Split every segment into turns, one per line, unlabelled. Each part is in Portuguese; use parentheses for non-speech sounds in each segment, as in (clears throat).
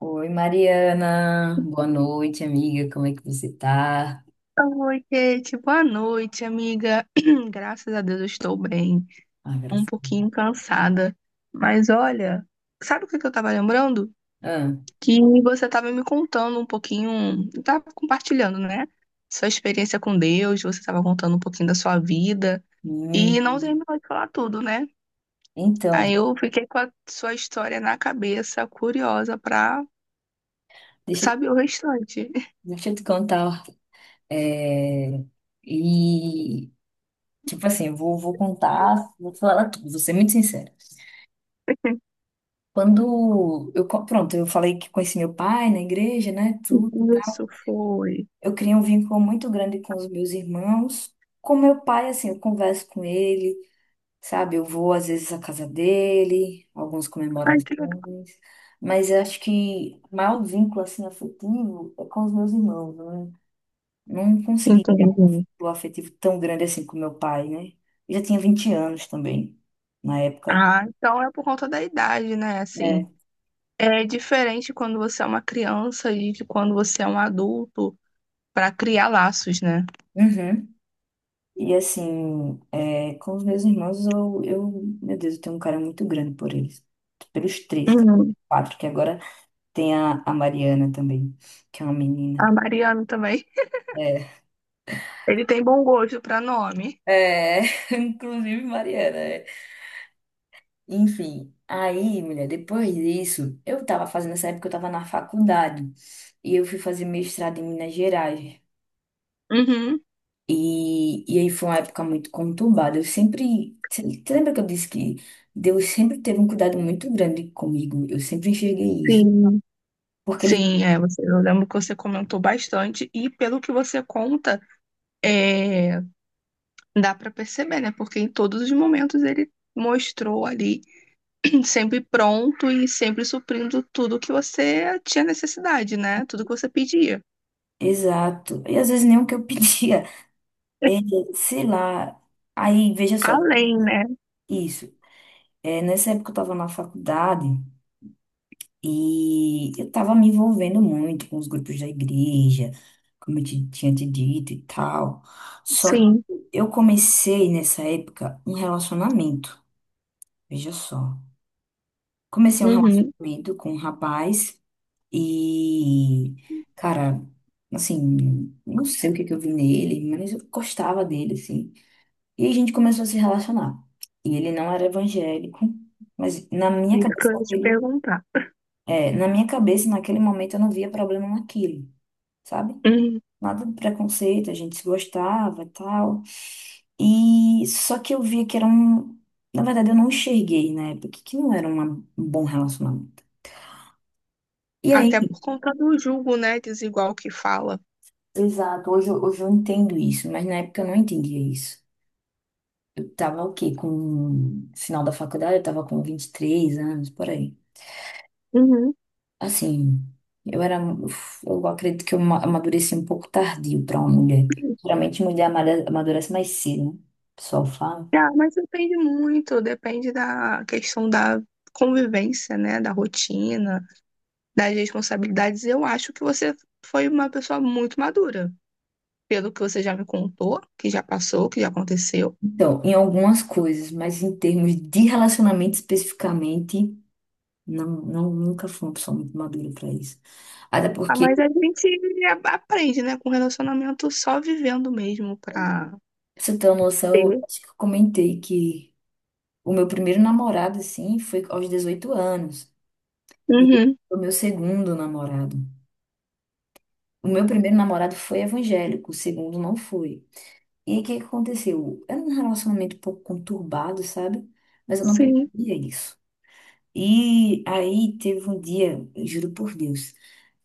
Oi, Mariana. Boa noite, amiga. Como é que você tá?
Oi, Kate. Boa noite, amiga. (clears throat) Graças a Deus eu estou bem.
Ah,
Um
graças a Deus.
pouquinho cansada. Mas olha, sabe o que eu estava lembrando?
Ah,
Que você estava me contando um pouquinho, estava compartilhando, né? Sua experiência com Deus, você estava contando um pouquinho da sua vida e não
hum,
terminou de falar tudo, né? Aí
então,
eu fiquei com a sua história na cabeça, curiosa para
deixa,
saber o restante.
deixa eu te contar. É, e, tipo assim, eu vou contar, vou falar tudo, vou ser muito sincera. Quando eu, pronto, eu falei que conheci meu pai na igreja, né, tudo.
(laughs) Isso foi.
Eu criei um vínculo muito grande com os meus irmãos. Com meu pai, assim, eu converso com ele. Sabe, eu vou às vezes à casa dele, algumas
Ai, que legal.
comemorações, mas eu acho que o maior vínculo assim afetivo é com os meus irmãos, né? Não consegui criar um
Entendi.
vínculo afetivo tão grande assim com meu pai, né? Eu já tinha 20 anos também, na época.
Ah, então é por conta da idade, né? Assim,
É.
é diferente quando você é uma criança e de quando você é um adulto para criar laços, né?
Uhum. E assim, é, com os meus irmãos, meu Deus, eu tenho um carinho muito grande por eles. Pelos três,
Uhum.
quatro, que agora tem a Mariana também, que é uma menina.
A Mariana também.
É.
Ele tem bom gosto para nome.
É, (laughs) inclusive Mariana. É. Enfim, aí, mulher, depois disso, eu tava fazendo nessa época, eu tava na faculdade e eu fui fazer mestrado em Minas Gerais.
Uhum.
E aí foi uma época muito conturbada. Eu sempre. Você lembra que eu disse que Deus sempre teve um cuidado muito grande comigo? Eu sempre enxerguei isso.
Sim.
Porque ele.
Sim, é, você, eu lembro que você comentou bastante e pelo que você conta, é, dá para perceber, né? Porque em todos os momentos ele mostrou ali (clears throat) sempre pronto e sempre suprindo tudo que você tinha necessidade, né? Tudo que você pedia.
Exato. E às vezes nem o que eu (laughs) pedia. É, sei lá. Aí, veja só,
Além, né?
isso. É, nessa época eu tava na faculdade. E eu tava me envolvendo muito com os grupos da igreja, como eu tinha te dito e tal. Só que
Sim,
eu comecei nessa época um relacionamento, veja só. Comecei um
uhum,
relacionamento com um rapaz e, cara, assim, não sei o que que eu vi nele, mas eu gostava dele, assim. E a gente começou a se relacionar. E ele não era evangélico, mas na minha
isso que
cabeça
eu ia te
ele.
perguntar.
É, na minha cabeça, naquele momento, eu não via problema naquilo, sabe?
Uhum.
Nada de preconceito, a gente se gostava e tal. E só que eu via que era um. Na verdade, eu não enxerguei na época que não era um bom relacionamento. E
Até
aí,
por conta do julgo, né, desigual que fala.
exato, hoje, hoje eu entendo isso, mas na época eu não entendia isso. Eu tava o quê? Com. Final da faculdade, eu tava com 23 anos, por aí.
Uhum.
Assim, eu era, eu acredito que eu amadureci um pouco tardio para uma mulher. Geralmente mulher amadurece mais cedo, né? O pessoal fala.
Ah, mas depende muito, depende da questão da convivência, né, da rotina, das responsabilidades. Eu acho que você foi uma pessoa muito madura, pelo que você já me contou, que já passou, que já aconteceu.
Então, em algumas coisas, mas em termos de relacionamento especificamente, não, não nunca fui uma pessoa muito madura para isso. Até
Ah,
porque,
mas a gente aprende, né, com relacionamento só vivendo mesmo pra.
pra você ter uma noção, eu
Ter.
acho que eu comentei que o meu primeiro namorado, assim, foi aos 18 anos. E
Uhum.
o meu segundo namorado. O meu primeiro namorado foi evangélico, o segundo não foi. E aí, o que que aconteceu? Era um relacionamento um pouco conturbado, sabe? Mas eu não
Sim.
percebia isso. E aí teve um dia, eu juro por Deus,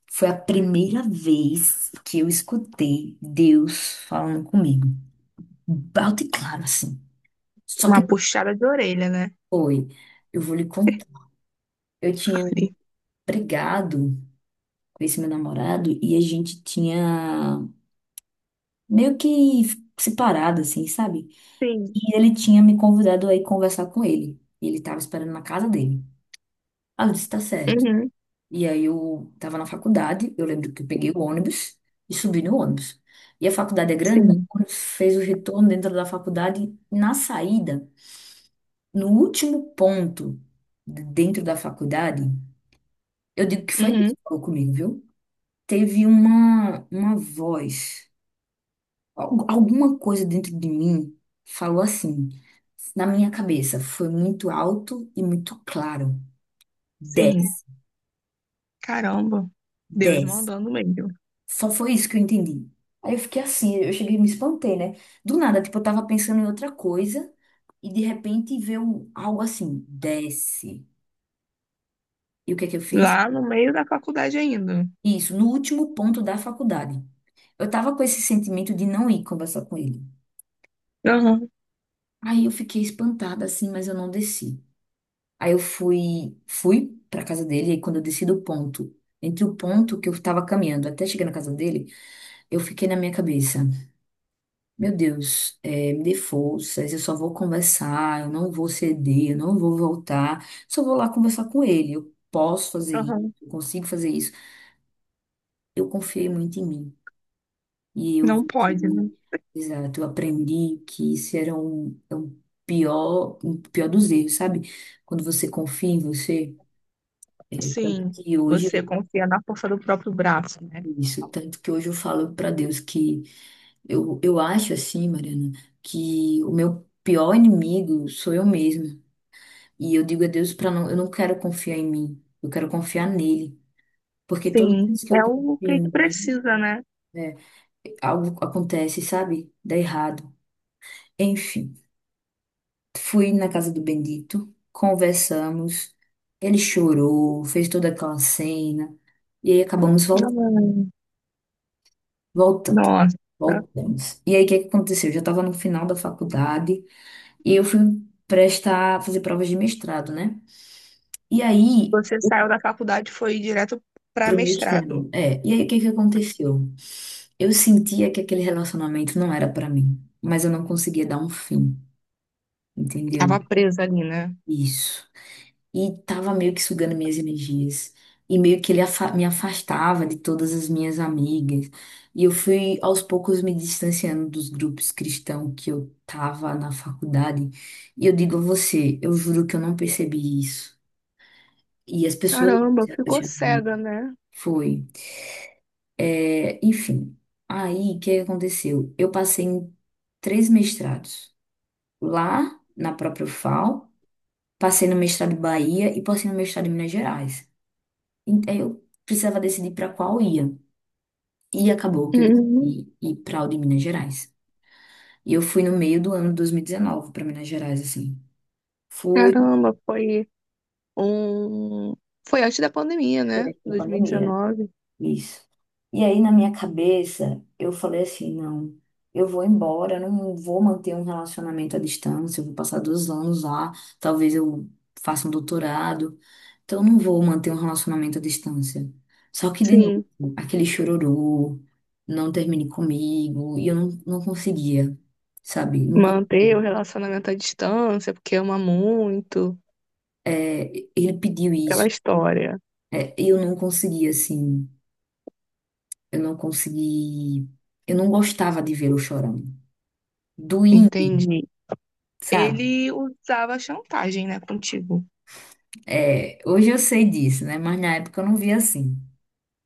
foi a primeira vez que eu escutei Deus falando comigo. Alto e claro, assim. Só que
Uma puxada de orelha, né?
foi. Eu vou lhe contar. Eu tinha
Fale.
brigado com esse meu namorado e a gente tinha meio que separado, assim, sabe?
Sim.
E ele tinha me convidado a ir conversar com ele. E ele estava esperando na casa dele. Ela disse, tá certo.
Uhum.
E aí eu tava na faculdade, eu lembro que eu peguei o ônibus e subi no ônibus. E a faculdade é grande, né?
Sim.
Quando fez o retorno dentro da faculdade, na saída, no último ponto dentro da faculdade, eu digo que foi Deus
Uhum.
que falou comigo, viu? Teve uma voz, alguma coisa dentro de mim falou assim, na minha cabeça, foi muito alto e muito claro.
Sim.
Desce,
Caramba. Deus
desce.
mandando mesmo.
Só foi isso que eu entendi. Aí eu fiquei assim, eu cheguei e me espantei, né? Do nada, tipo, eu tava pensando em outra coisa e de repente veio algo assim, desce. E o que é que eu fiz?
Lá no meio da faculdade ainda.
Isso, no último ponto da faculdade. Eu tava com esse sentimento de não ir conversar com ele.
Aham.
Aí eu fiquei espantada assim, mas eu não desci. Aí eu fui pra casa dele e quando eu desci do ponto, entre o ponto que eu tava caminhando até chegar na casa dele, eu fiquei na minha cabeça. Meu Deus, me dê forças, eu só vou conversar, eu não vou ceder, eu não vou voltar, só vou lá conversar com ele. Eu posso fazer isso,
Aham.
eu consigo fazer isso. Eu confiei muito em mim. E eu
Não
vi que,
pode, né?
exato, eu aprendi que isso era um, é um pior dos erros, sabe? Quando você confia em você. Tanto
Sim.
que hoje
Você
eu,
confia na força do próprio braço, né?
isso, tanto que hoje eu falo para Deus que eu acho assim, Mariana, que o meu pior inimigo sou eu mesma. E eu digo a Deus para não, eu não quero confiar em mim, eu quero confiar nele. Porque toda
Sim.
vez que eu
É
confio
o que
em mim,
precisa, né?
é, algo acontece, sabe? Dá errado. Enfim, fui na casa do Bendito, conversamos, ele chorou, fez toda aquela cena, e aí acabamos
Hum,
voltando.
nossa.
Voltamos. E aí, o que que aconteceu? Eu já estava no final da faculdade e eu fui prestar, fazer provas de mestrado, né? E aí,
Você saiu da faculdade e foi direto para
pro meu
mestrado.
extremo. É, e aí o que que aconteceu? Eu sentia que aquele relacionamento não era pra mim, mas eu não conseguia dar um fim, entendeu?
Tava presa ali, né?
Isso. E tava meio que sugando minhas energias. E meio que ele me afastava de todas as minhas amigas. E eu fui aos poucos me distanciando dos grupos cristãos que eu tava na faculdade. E eu digo a você, eu juro que eu não percebi isso. E as pessoas.
Caramba,
Se
ficou
apaixonaram.
cega, né?
Foi. É, enfim, aí o que aconteceu? Eu passei em três mestrados. Lá, na própria FAO, passei no mestrado em Bahia e passei no mestrado em Minas Gerais. Então eu precisava decidir para qual ia. E acabou que eu
Uhum.
decidi ir para o de Minas Gerais. E eu fui no meio do ano de 2019 para Minas Gerais, assim. Fui,
Caramba, foi um. Foi antes da pandemia, né?
durante a pandemia.
2019.
Isso. E aí, na minha cabeça, eu falei assim: não, eu vou embora, eu não vou manter um relacionamento à distância, eu vou passar 2 anos lá, talvez eu faça um doutorado, então eu não vou manter um relacionamento à distância. Só que, de novo,
Sim,
aquele chororô, não termine comigo, e eu não, não conseguia, sabe? Não
manter o relacionamento à distância, porque ama muito,
é, ele pediu
aquela
isso,
história.
é, eu não conseguia, assim, eu não consegui, eu não gostava de vê-lo chorando. Doía,
Entendi.
sabe?
Ele usava chantagem, né, contigo.
É, hoje eu sei disso, né? Mas na época eu não via assim,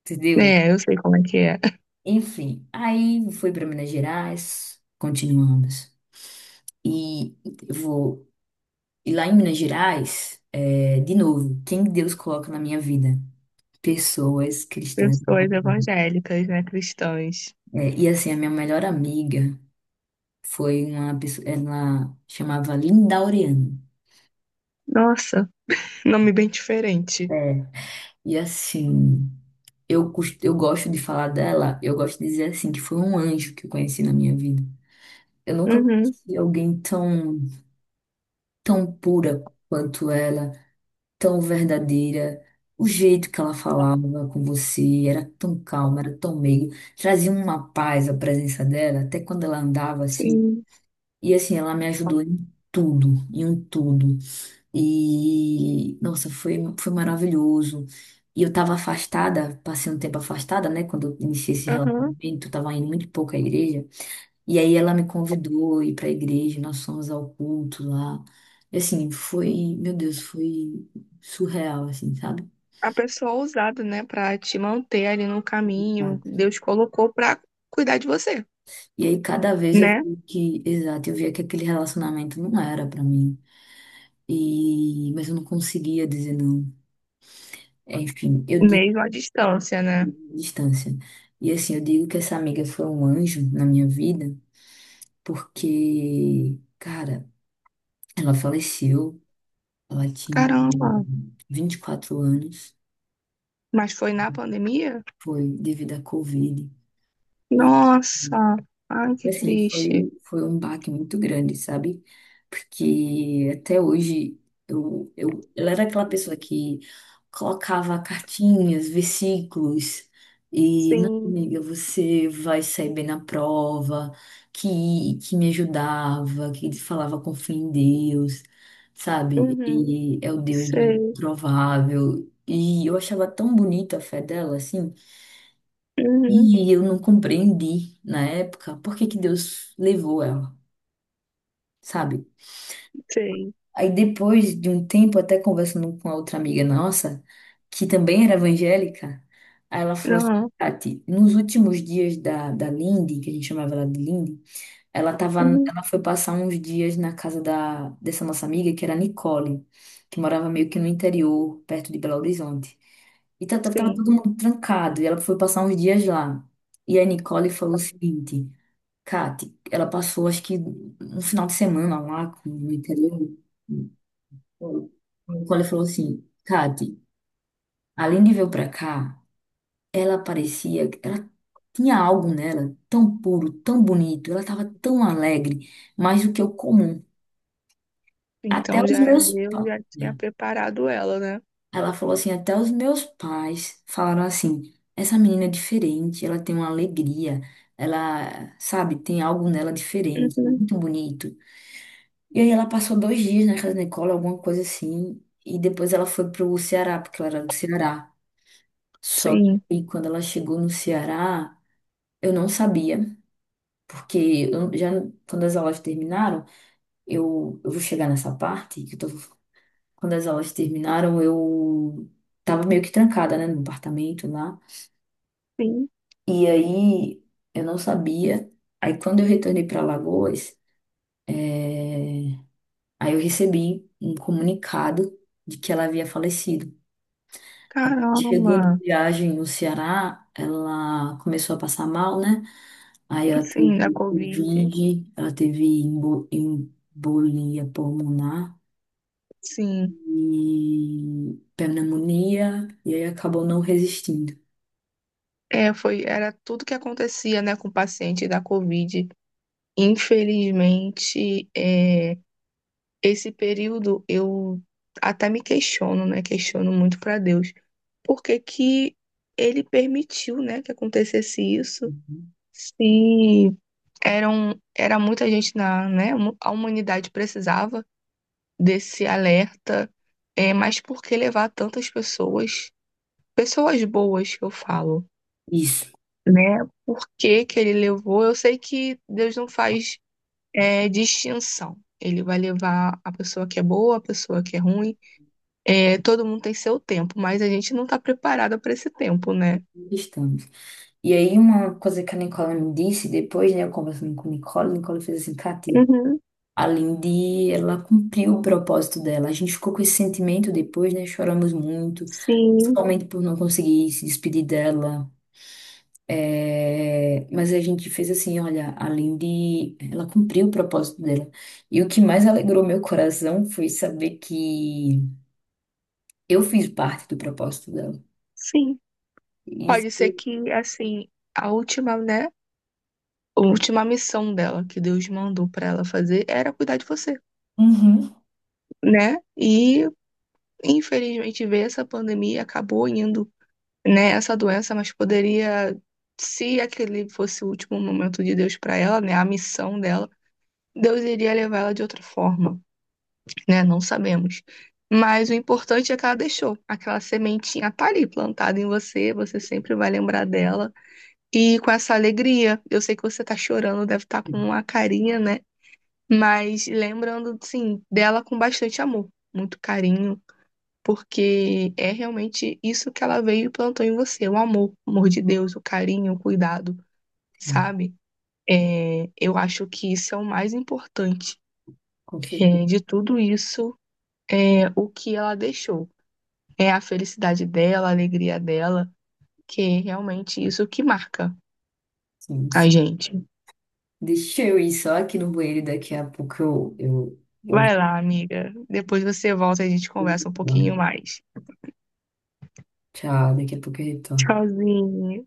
entendeu?
É, eu sei como é que é. (laughs)
Enfim, aí fui para Minas Gerais, continuamos. E eu vou e lá em Minas Gerais, é, de novo, quem Deus coloca na minha vida? Pessoas cristãs.
Pessoas
Evangélicas.
evangélicas, né, cristãs.
É, e assim, a minha melhor amiga foi uma pessoa, ela chamava Linda Oriano.
Nossa, nome bem diferente.
É, e assim, eu, eu gosto de falar dela, eu gosto de dizer assim, que foi um anjo que eu conheci na minha vida. Eu nunca
Uhum.
conheci alguém tão, tão pura quanto ela, tão verdadeira. O jeito que ela falava com você era tão calma, era tão meiga. Trazia uma paz a presença dela, até quando ela andava assim.
Sim.
E assim, ela me ajudou em tudo, em um tudo. E, nossa, foi, maravilhoso. E eu estava afastada, passei um tempo afastada, né? Quando eu iniciei esse
Aham.
relacionamento, eu estava indo muito pouco à igreja. E aí ela me convidou a ir para a igreja, nós fomos ao culto lá. E assim, foi, meu Deus, foi surreal, assim, sabe?
A pessoa ousada, né, pra te manter ali no caminho,
Exato.
Deus colocou pra cuidar de você.
E aí cada vez eu
Né?
vi que, exato, eu via que aquele relacionamento não era para mim. E mas eu não conseguia dizer não. É, enfim, eu digo
Mesmo à distância, né?
distância. E assim, eu digo que essa amiga foi um anjo na minha vida, porque, cara, ela faleceu, ela tinha
Caramba,
24 anos,
mas foi na pandemia?
foi devido à Covid. E,
Nossa, ai que
assim, foi,
triste.
foi um baque muito grande, sabe? Porque até hoje ela era aquela pessoa que colocava cartinhas, versículos, e não,
Sim,
amiga, você vai sair bem na prova, que me ajudava, que falava com fé em Deus, sabe?
uhum,
E é o Deus do
sei,
improvável. E eu achava tão bonita a fé dela, assim.
uhum,
E eu não compreendi na época por que que Deus levou ela, sabe?
sei,
Aí depois de um tempo, até conversando com a outra amiga nossa, que também era evangélica, aí ela falou assim,
não,
Tati, nos últimos dias da Lindy, que a gente chamava ela de Lindy, ela tava,
uhum,
ela foi passar uns dias na casa dessa nossa amiga, que era a Nicole, que morava meio que no interior, perto de Belo Horizonte. E tava
sim.
todo mundo trancado. E ela foi passar uns dias lá. E a Nicole falou o seguinte: Kate, ela passou acho que um final de semana lá no interior. A Nicole falou assim: Kate, além de vir pra cá, ela parecia. Ela tinha algo nela tão puro, tão bonito. Ela tava tão alegre, mais do que o comum. Até
Então já
os
era
meus
Deus,
pais.
já tinha
Né?"
preparado ela, né?
Ela falou assim, até os meus pais falaram assim, essa menina é diferente, ela tem uma alegria, ela, sabe, tem algo nela diferente,
Uhum,
muito bonito. E aí ela passou 2 dias na casa da Nicole, alguma coisa assim, e depois ela foi pro Ceará, porque ela era do Ceará. Só que
sim,
aí, quando ela chegou no Ceará, eu não sabia, porque eu já quando as aulas terminaram, eu vou chegar nessa parte, que eu tô, quando as aulas terminaram, eu tava meio que trancada, né, no apartamento lá.
sim,
E aí eu não sabia. Aí quando eu retornei para Alagoas, eh, aí eu recebi um comunicado de que ela havia falecido. Chegou de
caramba,
viagem no Ceará, ela começou a passar mal, né? Aí ela teve
sim, da Covid,
Covid, ela teve embolia pulmonar
sim.
e pneumonia, e aí acabou não resistindo.
É, foi, era tudo que acontecia, né, com o paciente da Covid. Infelizmente, é. Esse período eu até me questiono, né? Questiono muito para Deus. Por que que ele permitiu, né, que acontecesse isso?
Uhum.
Se eram era muita gente na, né? A humanidade precisava desse alerta, é, mas por que levar tantas pessoas? Pessoas boas que eu falo,
Isso,
né? Por que que ele levou? Eu sei que Deus não faz é, distinção. Ele vai levar a pessoa que é boa, a pessoa que é ruim, é, todo mundo tem seu tempo, mas a gente não está preparada para esse tempo, né?
estamos. E aí, uma coisa que a Nicole me disse depois, né, eu conversando com a Nicole fez assim, Cati,
Uhum,
a Lindy, ela cumpriu o propósito dela. A gente ficou com esse sentimento depois, né, choramos muito,
sim,
principalmente por não conseguir se despedir dela. É, mas a gente fez assim, olha, a Lindy, ela cumpriu o propósito dela. E o que mais alegrou meu coração foi saber que eu fiz parte do propósito dela.
sim. Pode
Isso.
ser que, assim, a última, né? A última missão dela que Deus mandou para ela fazer era cuidar de você,
Uhum.
né? E infelizmente ver essa pandemia acabou indo, né? Essa doença, mas poderia, se aquele fosse o último momento de Deus para ela, né? A missão dela, Deus iria levar ela de outra forma. Né? Não sabemos. Mas o importante é que ela deixou. Aquela sementinha tá ali plantada em você, você sempre vai lembrar dela. E com essa alegria, eu sei que você tá chorando, deve estar com uma carinha, né? Mas lembrando, sim, dela com bastante amor, muito carinho, porque é realmente isso que ela veio e plantou em você, o amor de Deus, o carinho, o cuidado, sabe? É, eu acho que isso é o mais importante,
Confesso.
é, de tudo isso, é o que ela deixou. É a felicidade dela, a alegria dela, que é realmente isso que marca
Sim.
a gente.
Deixa eu ir só aqui no banheiro e daqui a pouco eu,
Vai lá, amiga. Depois você volta e a gente conversa um
eu...
pouquinho mais.
tchau, daqui a pouco eu retorno.
Tchauzinho.